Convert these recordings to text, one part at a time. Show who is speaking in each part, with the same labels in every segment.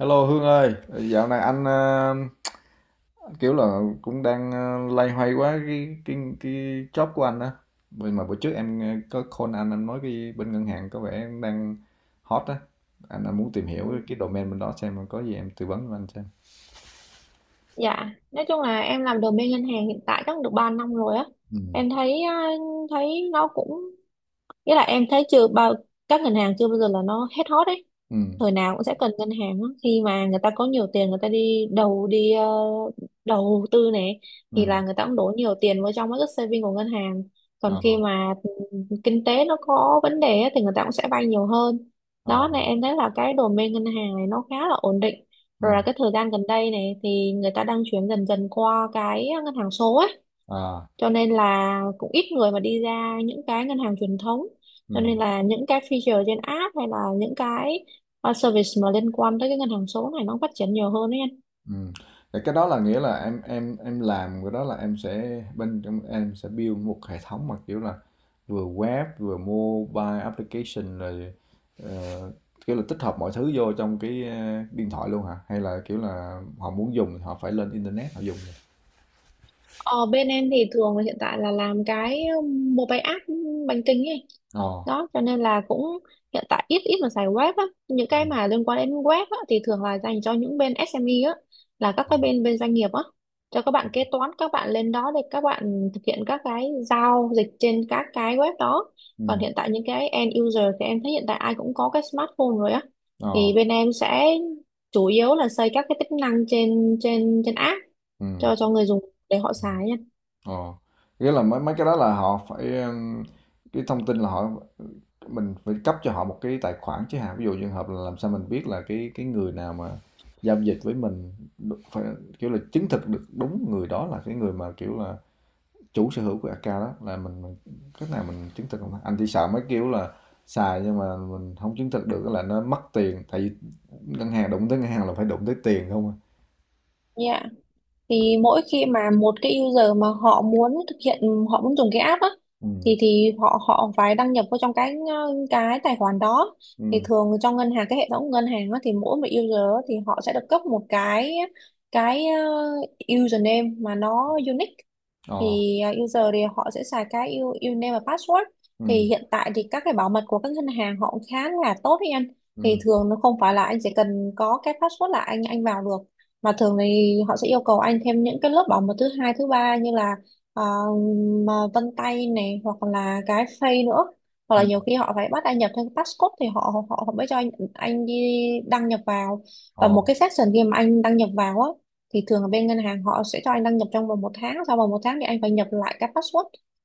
Speaker 1: Hello Hương ơi, dạo này anh kiểu là cũng đang loay hoay quá cái job của anh á. Vì mà bữa trước em có call anh nói cái bên ngân hàng có vẻ đang hot á. Anh muốn tìm hiểu cái domain bên đó xem có gì em tư vấn cho anh xem.
Speaker 2: Dạ, nói chung là em làm admin ngân hàng hiện tại chắc được 3 năm rồi á.
Speaker 1: Ừ.
Speaker 2: Em thấy nó cũng. Nghĩa là em thấy chưa bao các ngân hàng chưa bao giờ là nó hết hot ấy.
Speaker 1: Ừ.
Speaker 2: Thời nào cũng sẽ cần ngân hàng á. Khi mà người ta có nhiều tiền người ta đi đầu đi ờ, đầu tư này
Speaker 1: Ừ.
Speaker 2: thì là người ta cũng đổ nhiều tiền vào trong cái saving của ngân hàng. Còn
Speaker 1: Ờ.
Speaker 2: khi mà kinh tế nó có vấn đề á, thì người ta cũng sẽ vay nhiều hơn.
Speaker 1: Ờ.
Speaker 2: Đó này em thấy là cái domain ngân hàng này nó khá là ổn định.
Speaker 1: Ừ.
Speaker 2: Rồi là cái thời gian gần đây này thì người ta đang chuyển dần dần qua cái ngân hàng số ấy,
Speaker 1: À.
Speaker 2: cho nên là cũng ít người mà đi ra những cái ngân hàng truyền thống, cho
Speaker 1: Ừ.
Speaker 2: nên là những cái feature trên app hay là những cái service mà liên quan tới cái ngân hàng số này nó phát triển nhiều hơn ấy.
Speaker 1: Ừm, thì cái đó là, nghĩa là em làm cái đó là em sẽ, bên trong em sẽ build một hệ thống mà, kiểu là, vừa web, vừa mobile application rồi, ờ, kiểu là tích hợp mọi thứ vô trong cái, điện thoại luôn hả? Hay là, kiểu là, họ muốn dùng thì họ phải lên internet họ dùng?
Speaker 2: Ờ, Bên em thì thường là hiện tại là làm cái mobile app bánh kính ấy.
Speaker 1: Ờ.
Speaker 2: Đó, cho nên là cũng hiện tại ít ít mà xài web á. Những
Speaker 1: Ừm.
Speaker 2: cái mà liên quan đến web á, thì thường là dành cho những bên SME á, là các cái bên bên doanh nghiệp á. Cho các bạn kế toán, các bạn lên đó để các bạn thực hiện các cái giao dịch trên các cái web đó. Còn hiện tại những cái end user thì em thấy hiện tại ai cũng có cái smartphone rồi á.
Speaker 1: Ờ.
Speaker 2: Thì bên em sẽ chủ yếu là xây các cái tính năng trên trên trên app
Speaker 1: Ừm.
Speaker 2: cho người dùng để họ xài nha.
Speaker 1: Ồ, nghĩa là mấy, cái đó là họ phải, cái thông tin là, mình phải cấp cho họ một cái tài khoản chứ hả? Ví dụ trường hợp là làm sao mình biết là cái người nào mà giao dịch với mình, phải kiểu là chứng thực được đúng người đó là cái người mà, kiểu là, chủ sở hữu của account đó là mình cách nào mình chứng thực không ta? Anh thì sợ mấy kiểu là xài nhưng mà mình không chứng thực được là nó mất tiền, tại vì ngân hàng, đụng tới ngân hàng là phải đụng tới tiền không à.
Speaker 2: Yeah. Thì mỗi khi mà một cái user mà họ muốn thực hiện, họ muốn dùng cái app á,
Speaker 1: Ừ.
Speaker 2: thì họ họ phải đăng nhập vào trong cái tài khoản đó. Thì
Speaker 1: Ừ.
Speaker 2: thường trong ngân hàng, cái hệ thống ngân hàng á, thì mỗi một user á, thì họ sẽ được cấp một cái username mà nó unique.
Speaker 1: Ờ.
Speaker 2: Thì user thì họ sẽ xài cái username và password.
Speaker 1: Ừ.
Speaker 2: Thì hiện tại thì các cái bảo mật của các ngân hàng họ cũng khá là tốt đấy anh. Thì
Speaker 1: Ừ.
Speaker 2: thường nó không phải là anh chỉ cần có cái password là anh vào được, mà thường thì họ sẽ yêu cầu anh thêm những cái lớp bảo mật thứ hai thứ ba như là à, mà vân tay này hoặc là cái face nữa, hoặc là
Speaker 1: Ừ.
Speaker 2: nhiều khi họ phải bắt anh nhập thêm cái passcode thì họ họ họ mới cho anh đi đăng nhập vào. Và
Speaker 1: Ờ.
Speaker 2: một cái section khi mà anh đăng nhập vào á, thì thường ở bên ngân hàng họ sẽ cho anh đăng nhập trong vòng một tháng, sau vòng một tháng thì anh phải nhập lại cái password,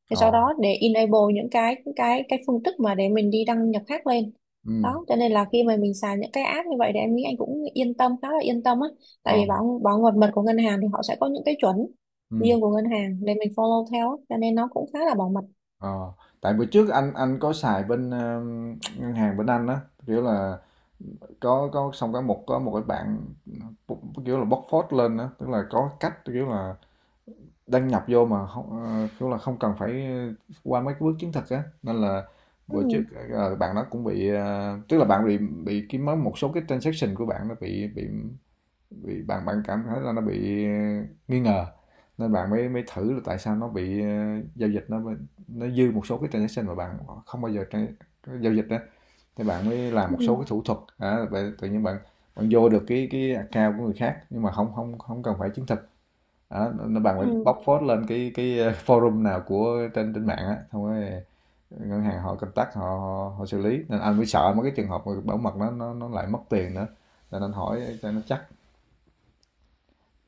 Speaker 2: thì
Speaker 1: Ờ.
Speaker 2: sau đó để enable những cái phương thức mà để mình đi đăng nhập khác lên.
Speaker 1: Ừ.
Speaker 2: Đó cho nên là khi mà mình xài những cái app như vậy thì em nghĩ anh cũng yên tâm, khá là yên tâm á,
Speaker 1: Ờ,
Speaker 2: tại vì bảo bảo mật mật của ngân hàng thì họ sẽ có những cái chuẩn
Speaker 1: ừm,
Speaker 2: riêng của ngân hàng để mình follow theo á, cho nên nó cũng khá là bảo mật.
Speaker 1: ờ, tại bữa trước anh có xài bên, ngân hàng bên Anh á, kiểu là có, xong có một, cái bạn kiểu là bóc phốt lên á, tức là có cách kiểu là đăng nhập vô mà không, kiểu là không cần phải qua mấy cái bước chứng thực á, nên là
Speaker 2: Ừ.
Speaker 1: bữa trước, bạn đó cũng bị, tức là bạn bị, cái mấy, một số cái transaction của bạn nó bị, bạn, cảm thấy là nó bị, nghi ngờ, nên bạn mới, thử là tại sao nó bị, giao dịch nó, dư một số cái transaction mà bạn không bao giờ giao dịch á, thì bạn mới làm
Speaker 2: Ừ.
Speaker 1: một số cái thủ thuật á, bạn tự nhiên bạn, vô được cái account của người khác nhưng mà không, không không cần phải chứng thực. Đó, nên bạn phải
Speaker 2: Ừ.
Speaker 1: bóc phốt lên cái, forum nào của, trên, mạng á, xong rồi, ngân hàng họ contact, họ họ họ xử lý, nên anh mới sợ mấy cái trường hợp bảo mật nó, lại mất tiền nữa, nên anh hỏi cho nó chắc.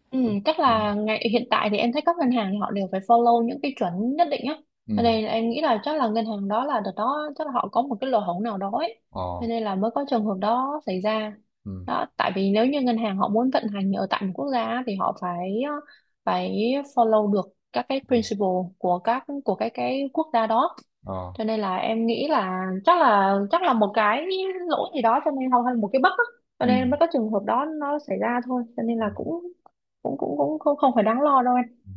Speaker 2: Ừ, chắc là ngày hiện tại thì em thấy các ngân hàng thì họ đều phải follow những cái chuẩn nhất định á. Cho
Speaker 1: Ừm.
Speaker 2: nên là em nghĩ là chắc là ngân hàng đó, là đợt đó chắc là họ có một cái lỗ hổng nào đó ấy.
Speaker 1: Ờ.
Speaker 2: Cho nên là mới có trường hợp đó xảy ra.
Speaker 1: Ừm.
Speaker 2: Đó, tại vì nếu như ngân hàng họ muốn vận hành ở tại một quốc gia á, thì họ phải phải follow được các cái principle của các của cái quốc gia đó,
Speaker 1: Ờ.
Speaker 2: cho nên là em nghĩ là chắc là một cái lỗi gì đó cho nên, hoặc là một cái bất á, cho nên mới
Speaker 1: Ừm.
Speaker 2: có trường hợp đó nó xảy ra thôi, cho nên là cũng cũng cũng cũng không phải đáng lo đâu em.
Speaker 1: Ừm.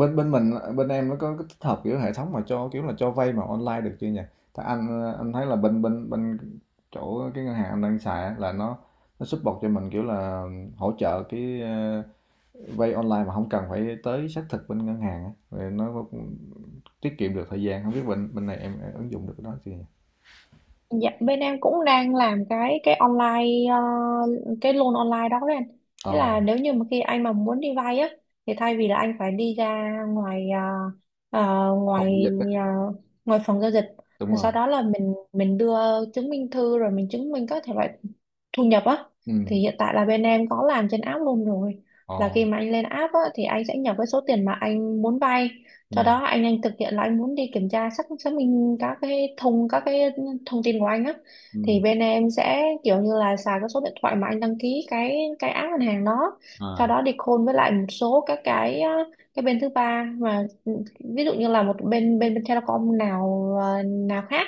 Speaker 1: Bên bên mình, bên em nó có cái tích hợp, kiểu, hệ thống mà cho, kiểu là, cho vay mà online được chưa nhỉ? Thì anh, anh thấy là, bên bên bên chỗ cái ngân hàng anh đang xài á, là nó, support cho mình, kiểu là hỗ trợ cái, vay online mà không cần phải tới xác thực bên ngân hàng á, rồi nó cũng tiết kiệm được thời gian. Không biết bên bên này em ứng dụng được cái đó chưa nhỉ?
Speaker 2: Dạ, bên em cũng đang làm cái loan online đó đấy anh. Thế
Speaker 1: Ờ,
Speaker 2: là nếu như mà khi anh mà muốn đi vay á thì thay vì là anh phải đi ra ngoài ờ,
Speaker 1: phòng giao dịch á.
Speaker 2: ờ, ngoài phòng giao dịch,
Speaker 1: Đúng
Speaker 2: rồi
Speaker 1: rồi.
Speaker 2: sau đó là mình đưa chứng minh thư, rồi mình chứng minh các thể loại thu nhập á,
Speaker 1: Ừm.
Speaker 2: thì hiện tại là bên em có làm trên app luôn rồi, là
Speaker 1: Ờ.
Speaker 2: khi mà anh lên app á thì anh sẽ nhập cái số tiền mà anh muốn vay, sau
Speaker 1: Ừm.
Speaker 2: đó anh thực hiện là anh muốn đi kiểm tra, xác xác minh các cái thông tin của anh á, thì
Speaker 1: Ừm.
Speaker 2: bên em sẽ kiểu như là xài cái số điện thoại mà anh đăng ký cái app ngân hàng đó, sau
Speaker 1: À.
Speaker 2: đó đi call với lại một số các cái bên thứ ba mà ví dụ như là một bên bên bên Telecom nào khác,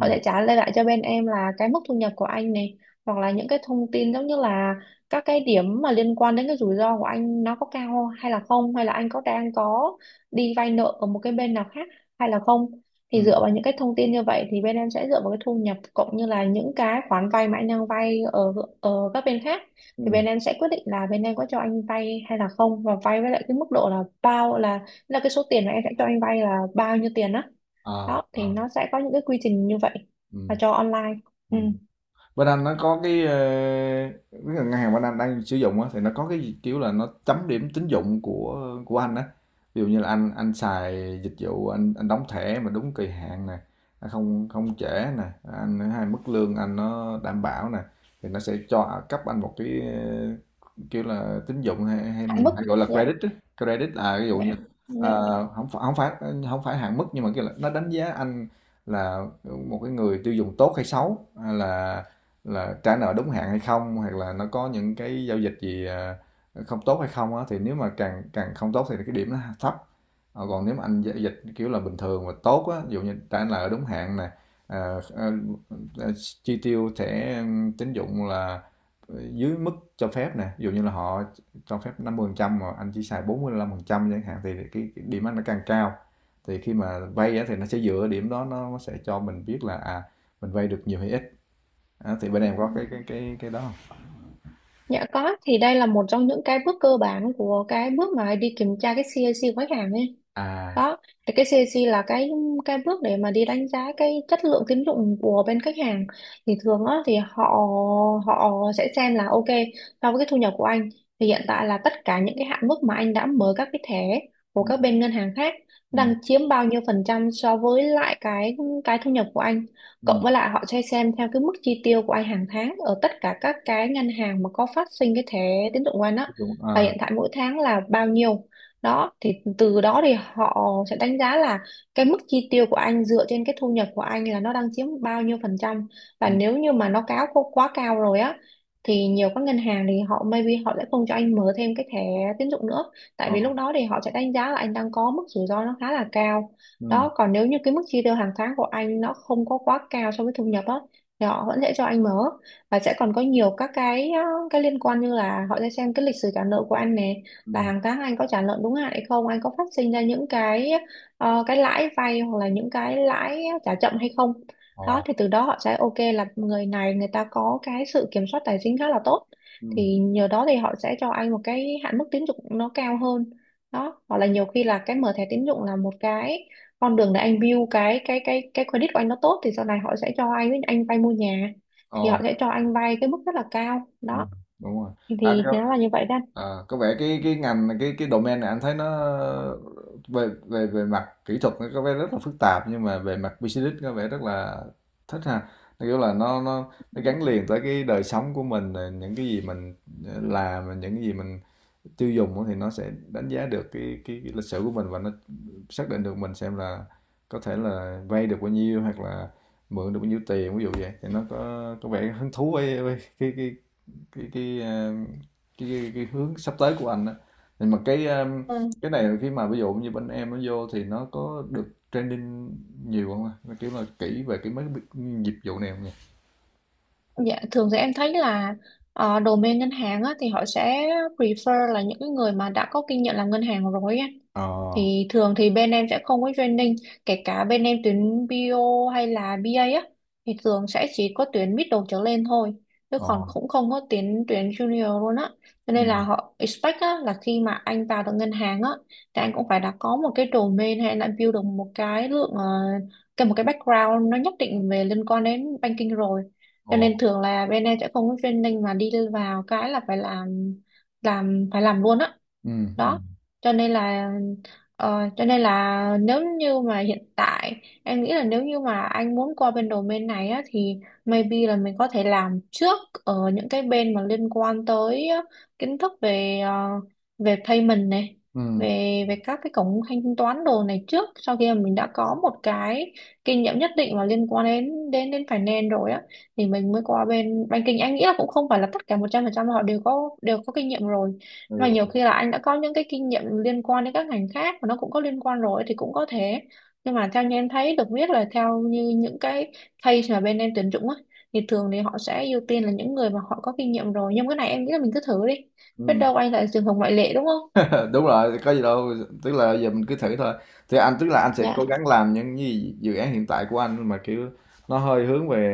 Speaker 2: họ sẽ trả lời lại cho bên em là cái mức thu nhập của anh này, hoặc là những cái thông tin giống như là các cái điểm mà liên quan đến cái rủi ro của anh nó có cao hay là không, hay là anh đang có đi vay nợ ở một cái bên nào khác hay là không, thì
Speaker 1: Ừm.
Speaker 2: dựa vào những cái thông tin như vậy thì bên em sẽ dựa vào cái thu nhập cộng như là những cái khoản vay mà anh đang vay ở ở các bên khác, thì
Speaker 1: Ừm.
Speaker 2: bên em sẽ quyết định là bên em có cho anh vay hay là không, và vay với lại cái mức độ là bao, là cái số tiền mà em sẽ cho anh vay là bao nhiêu tiền đó.
Speaker 1: À.
Speaker 2: Đó thì
Speaker 1: À.
Speaker 2: nó sẽ có những cái quy trình như vậy, và
Speaker 1: Ừm.
Speaker 2: cho online. Ừ.
Speaker 1: ừm Bên anh nó có cái, ngân hàng bên anh đang sử dụng á, thì nó có cái kiểu là nó chấm điểm tín dụng của anh á. Ví dụ như là anh, xài dịch vụ, anh, đóng thẻ mà đúng kỳ hạn nè, nó không không trễ nè, anh hay mức lương anh nó đảm bảo nè, thì nó sẽ cho cấp anh một cái, kiểu là tín dụng, hay hay
Speaker 2: Hạn
Speaker 1: mình
Speaker 2: mức.
Speaker 1: hay gọi là
Speaker 2: Dạ.
Speaker 1: credit á. Credit là ví dụ
Speaker 2: Dạ.
Speaker 1: như,
Speaker 2: Dạ.
Speaker 1: không phải, không phải hạn mức, nhưng mà kiểu là nó đánh giá anh là một cái người tiêu dùng tốt hay xấu, hay là trả nợ đúng hạn hay không, hoặc là nó có những cái giao dịch gì à, không tốt hay không á, thì nếu mà càng càng không tốt thì cái điểm nó thấp. Ờ, còn nếu mà anh giao dịch kiểu là bình thường và tốt á, ví dụ như trả nợ đúng hạn nè, à, à, à, chi tiêu thẻ tín dụng là dưới mức cho phép nè, ví dụ như là họ cho phép 50% mà anh chỉ xài 45% chẳng hạn, thì cái điểm anh nó càng cao, thì khi mà vay á, thì nó sẽ dựa điểm đó nó sẽ cho mình biết là à, mình vay được nhiều hay ít. À, thì bên em có cái đó không?
Speaker 2: Dạ có, thì đây là một trong những cái bước cơ bản của cái bước mà đi kiểm tra cái CAC của khách hàng ấy.
Speaker 1: À.
Speaker 2: Đó thì cái CAC là cái bước để mà đi đánh giá cái chất lượng tín dụng của bên khách hàng. Thì thường á thì họ họ sẽ xem là ok, so với cái thu nhập của anh thì hiện tại là tất cả những cái hạn mức mà anh đã mở các cái thẻ của
Speaker 1: Ừm.
Speaker 2: các bên ngân hàng khác
Speaker 1: Ừm.
Speaker 2: đang chiếm bao nhiêu phần trăm so với lại cái thu nhập của anh, cộng
Speaker 1: Ừm.
Speaker 2: với lại họ sẽ xem theo cái mức chi tiêu của anh hàng tháng ở tất cả các cái ngân hàng mà có phát sinh cái thẻ tín dụng của anh á,
Speaker 1: Đúng.
Speaker 2: là
Speaker 1: À.
Speaker 2: hiện tại mỗi tháng là bao nhiêu. Đó thì từ đó thì họ sẽ đánh giá là cái mức chi tiêu của anh dựa trên cái thu nhập của anh là nó đang chiếm bao nhiêu phần trăm, và
Speaker 1: Ừm.
Speaker 2: nếu như mà nó cáo quá quá cao rồi á thì nhiều các ngân hàng thì maybe họ sẽ không cho anh mở thêm cái thẻ tín dụng nữa,
Speaker 1: Ờ.
Speaker 2: tại vì lúc đó thì họ sẽ đánh giá là anh đang có mức rủi ro nó khá là cao.
Speaker 1: Ừm.
Speaker 2: Đó, còn nếu như cái mức chi tiêu hàng tháng của anh nó không có quá cao so với thu nhập á thì họ vẫn sẽ cho anh mở, và sẽ còn có nhiều các cái liên quan, như là họ sẽ xem cái lịch sử trả nợ của anh nè, là
Speaker 1: Ừm.
Speaker 2: hàng tháng anh có trả nợ đúng hạn hay không, anh có phát sinh ra những cái lãi vay hoặc là những cái lãi trả chậm hay không.
Speaker 1: Ờ.
Speaker 2: Đó thì từ đó họ sẽ ok là người này người ta có cái sự kiểm soát tài chính khá là tốt,
Speaker 1: Ừm.
Speaker 2: thì nhờ đó thì họ sẽ cho anh một cái hạn mức tín dụng nó cao hơn. Đó, hoặc là nhiều khi là cái mở thẻ tín dụng là một cái con đường để anh build cái credit của anh nó tốt, thì sau này họ sẽ cho anh vay mua nhà, thì họ
Speaker 1: Ờ.
Speaker 2: sẽ cho anh vay cái mức rất là cao đó,
Speaker 1: Ừm. Đúng rồi.
Speaker 2: thì
Speaker 1: À, có
Speaker 2: nó là như vậy
Speaker 1: có vẻ cái, ngành, cái domain này anh thấy nó về, về mặt kỹ thuật nó có vẻ rất là phức tạp, nhưng mà về mặt business có vẻ rất là thích ha. Theo kiểu là nó gắn liền tới cái đời sống của mình, rồi những cái gì mình, làm, rồi những cái gì mình tiêu dùng á, thì nó sẽ đánh giá được cái lịch sử của mình, và nó xác định được mình, xem là có thể là vay được bao nhiêu hoặc là mượn được bao nhiêu tiền ví dụ vậy, thì nó có, vẻ hứng thú với, cái, ờ, cái hướng sắp tới của anh đó. Nhưng mà
Speaker 2: đó.
Speaker 1: cái này khi mà ví dụ như bên em nó vô thì nó có được training nhiều không ạ? Nó kiểu là kỹ về cái mấy cái dịch vụ này không nhỉ?
Speaker 2: Dạ, thường thì em thấy là domain ngân hàng á, thì họ sẽ prefer là những cái người mà đã có kinh nghiệm làm ngân hàng rồi á.
Speaker 1: Ờ.
Speaker 2: Thì thường thì bên em sẽ không có training, kể cả bên em tuyến bio hay là BA á thì thường sẽ chỉ có tuyến middle trở lên thôi, chứ
Speaker 1: Ờ.
Speaker 2: còn cũng không có tuyến tuyến junior luôn á. Cho
Speaker 1: Ừ.
Speaker 2: nên là họ expect á, là khi mà anh vào được ngân hàng á thì anh cũng phải đã có một cái domain, hay là build được một cái lượng ờ, cái một cái background nó nhất định về liên quan đến banking rồi. Cho
Speaker 1: Ờ.
Speaker 2: nên thường là bên em sẽ không có training mà đi vào cái là phải làm phải làm luôn á.
Speaker 1: Ừ. Ừ.
Speaker 2: Đó cho nên là. Cho nên là nếu như mà hiện tại em nghĩ là, nếu như mà anh muốn qua bên domain này á, thì maybe là mình có thể làm trước ở những cái bên mà liên quan tới kiến thức về về payment này,
Speaker 1: Ừ.
Speaker 2: về về các cái cổng thanh toán đồ này trước, sau khi mà mình đã có một cái kinh nghiệm nhất định mà liên quan đến đến đến finance rồi á thì mình mới qua bên banking. Anh nghĩ là cũng không phải là tất cả 100% họ đều có kinh nghiệm rồi, mà
Speaker 1: Hiểu.
Speaker 2: nhiều khi là anh đã có những cái kinh nghiệm liên quan đến các ngành khác mà nó cũng có liên quan rồi thì cũng có thể. Nhưng mà theo như em thấy được biết là, theo như những cái case mà bên em tuyển dụng á thì thường thì họ sẽ ưu tiên là những người mà họ có kinh nghiệm rồi, nhưng cái này em nghĩ là mình cứ thử đi, biết
Speaker 1: Ừ.
Speaker 2: đâu anh lại trường hợp ngoại lệ đúng không.
Speaker 1: Đúng rồi, có gì đâu, tức là giờ mình cứ thử thôi. Thì anh, tức là anh sẽ
Speaker 2: Dạ.
Speaker 1: cố gắng làm những gì dự án hiện tại của anh mà kiểu nó hơi hướng về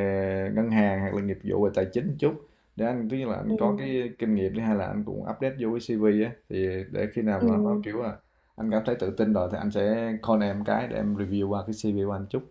Speaker 1: ngân hàng, hoặc là nghiệp vụ về tài chính một chút, để anh, tức là anh có
Speaker 2: Ừ.
Speaker 1: cái kinh nghiệm đi, hay là anh cũng update vô cái CV á, thì để khi nào
Speaker 2: Ừ.
Speaker 1: mà nó kiểu là anh cảm thấy tự tin rồi thì anh sẽ call em cái để em review qua cái CV của anh chút.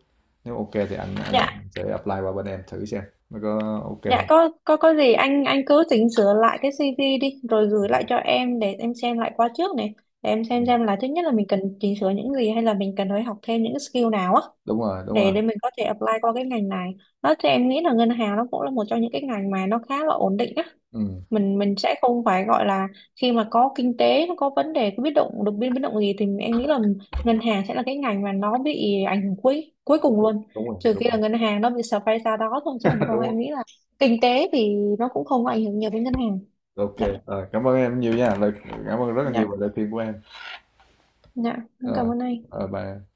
Speaker 1: Nếu ok thì anh,
Speaker 2: Dạ.
Speaker 1: sẽ apply qua bên em thử xem nó có ok
Speaker 2: Dạ,
Speaker 1: không.
Speaker 2: có gì anh cứ chỉnh sửa lại cái CV đi rồi gửi lại cho em để em xem lại qua trước này, để em
Speaker 1: Ừ,
Speaker 2: xem là thứ nhất là mình cần chỉnh sửa những gì, hay là mình cần phải học thêm những skill nào á,
Speaker 1: đúng rồi, đúng
Speaker 2: để
Speaker 1: rồi.
Speaker 2: để mình có thể apply qua cái ngành này. Đó thì em nghĩ là ngân hàng nó cũng là một trong những cái ngành mà nó khá là ổn định á.
Speaker 1: Ừ,
Speaker 2: Mình sẽ không phải gọi là, khi mà có kinh tế nó có vấn đề, có biến động, được biến biến động gì thì em nghĩ là ngân hàng sẽ là cái ngành mà nó bị ảnh hưởng cuối cuối cùng luôn.
Speaker 1: đúng rồi,
Speaker 2: Trừ
Speaker 1: đúng
Speaker 2: khi
Speaker 1: rồi.
Speaker 2: là ngân hàng nó bị sập hay sao đó thôi, chứ còn không
Speaker 1: Đúng
Speaker 2: em
Speaker 1: rồi.
Speaker 2: nghĩ là kinh tế thì nó cũng không có ảnh hưởng nhiều đến ngân hàng.
Speaker 1: Ok.
Speaker 2: Dạ.
Speaker 1: Rồi, cảm ơn em nhiều nha, lời cảm ơn rất là
Speaker 2: Dạ.
Speaker 1: nhiều về lời khuyên của em.
Speaker 2: Dạ em
Speaker 1: Rồi.
Speaker 2: cảm ơn anh.
Speaker 1: Rồi, bye em.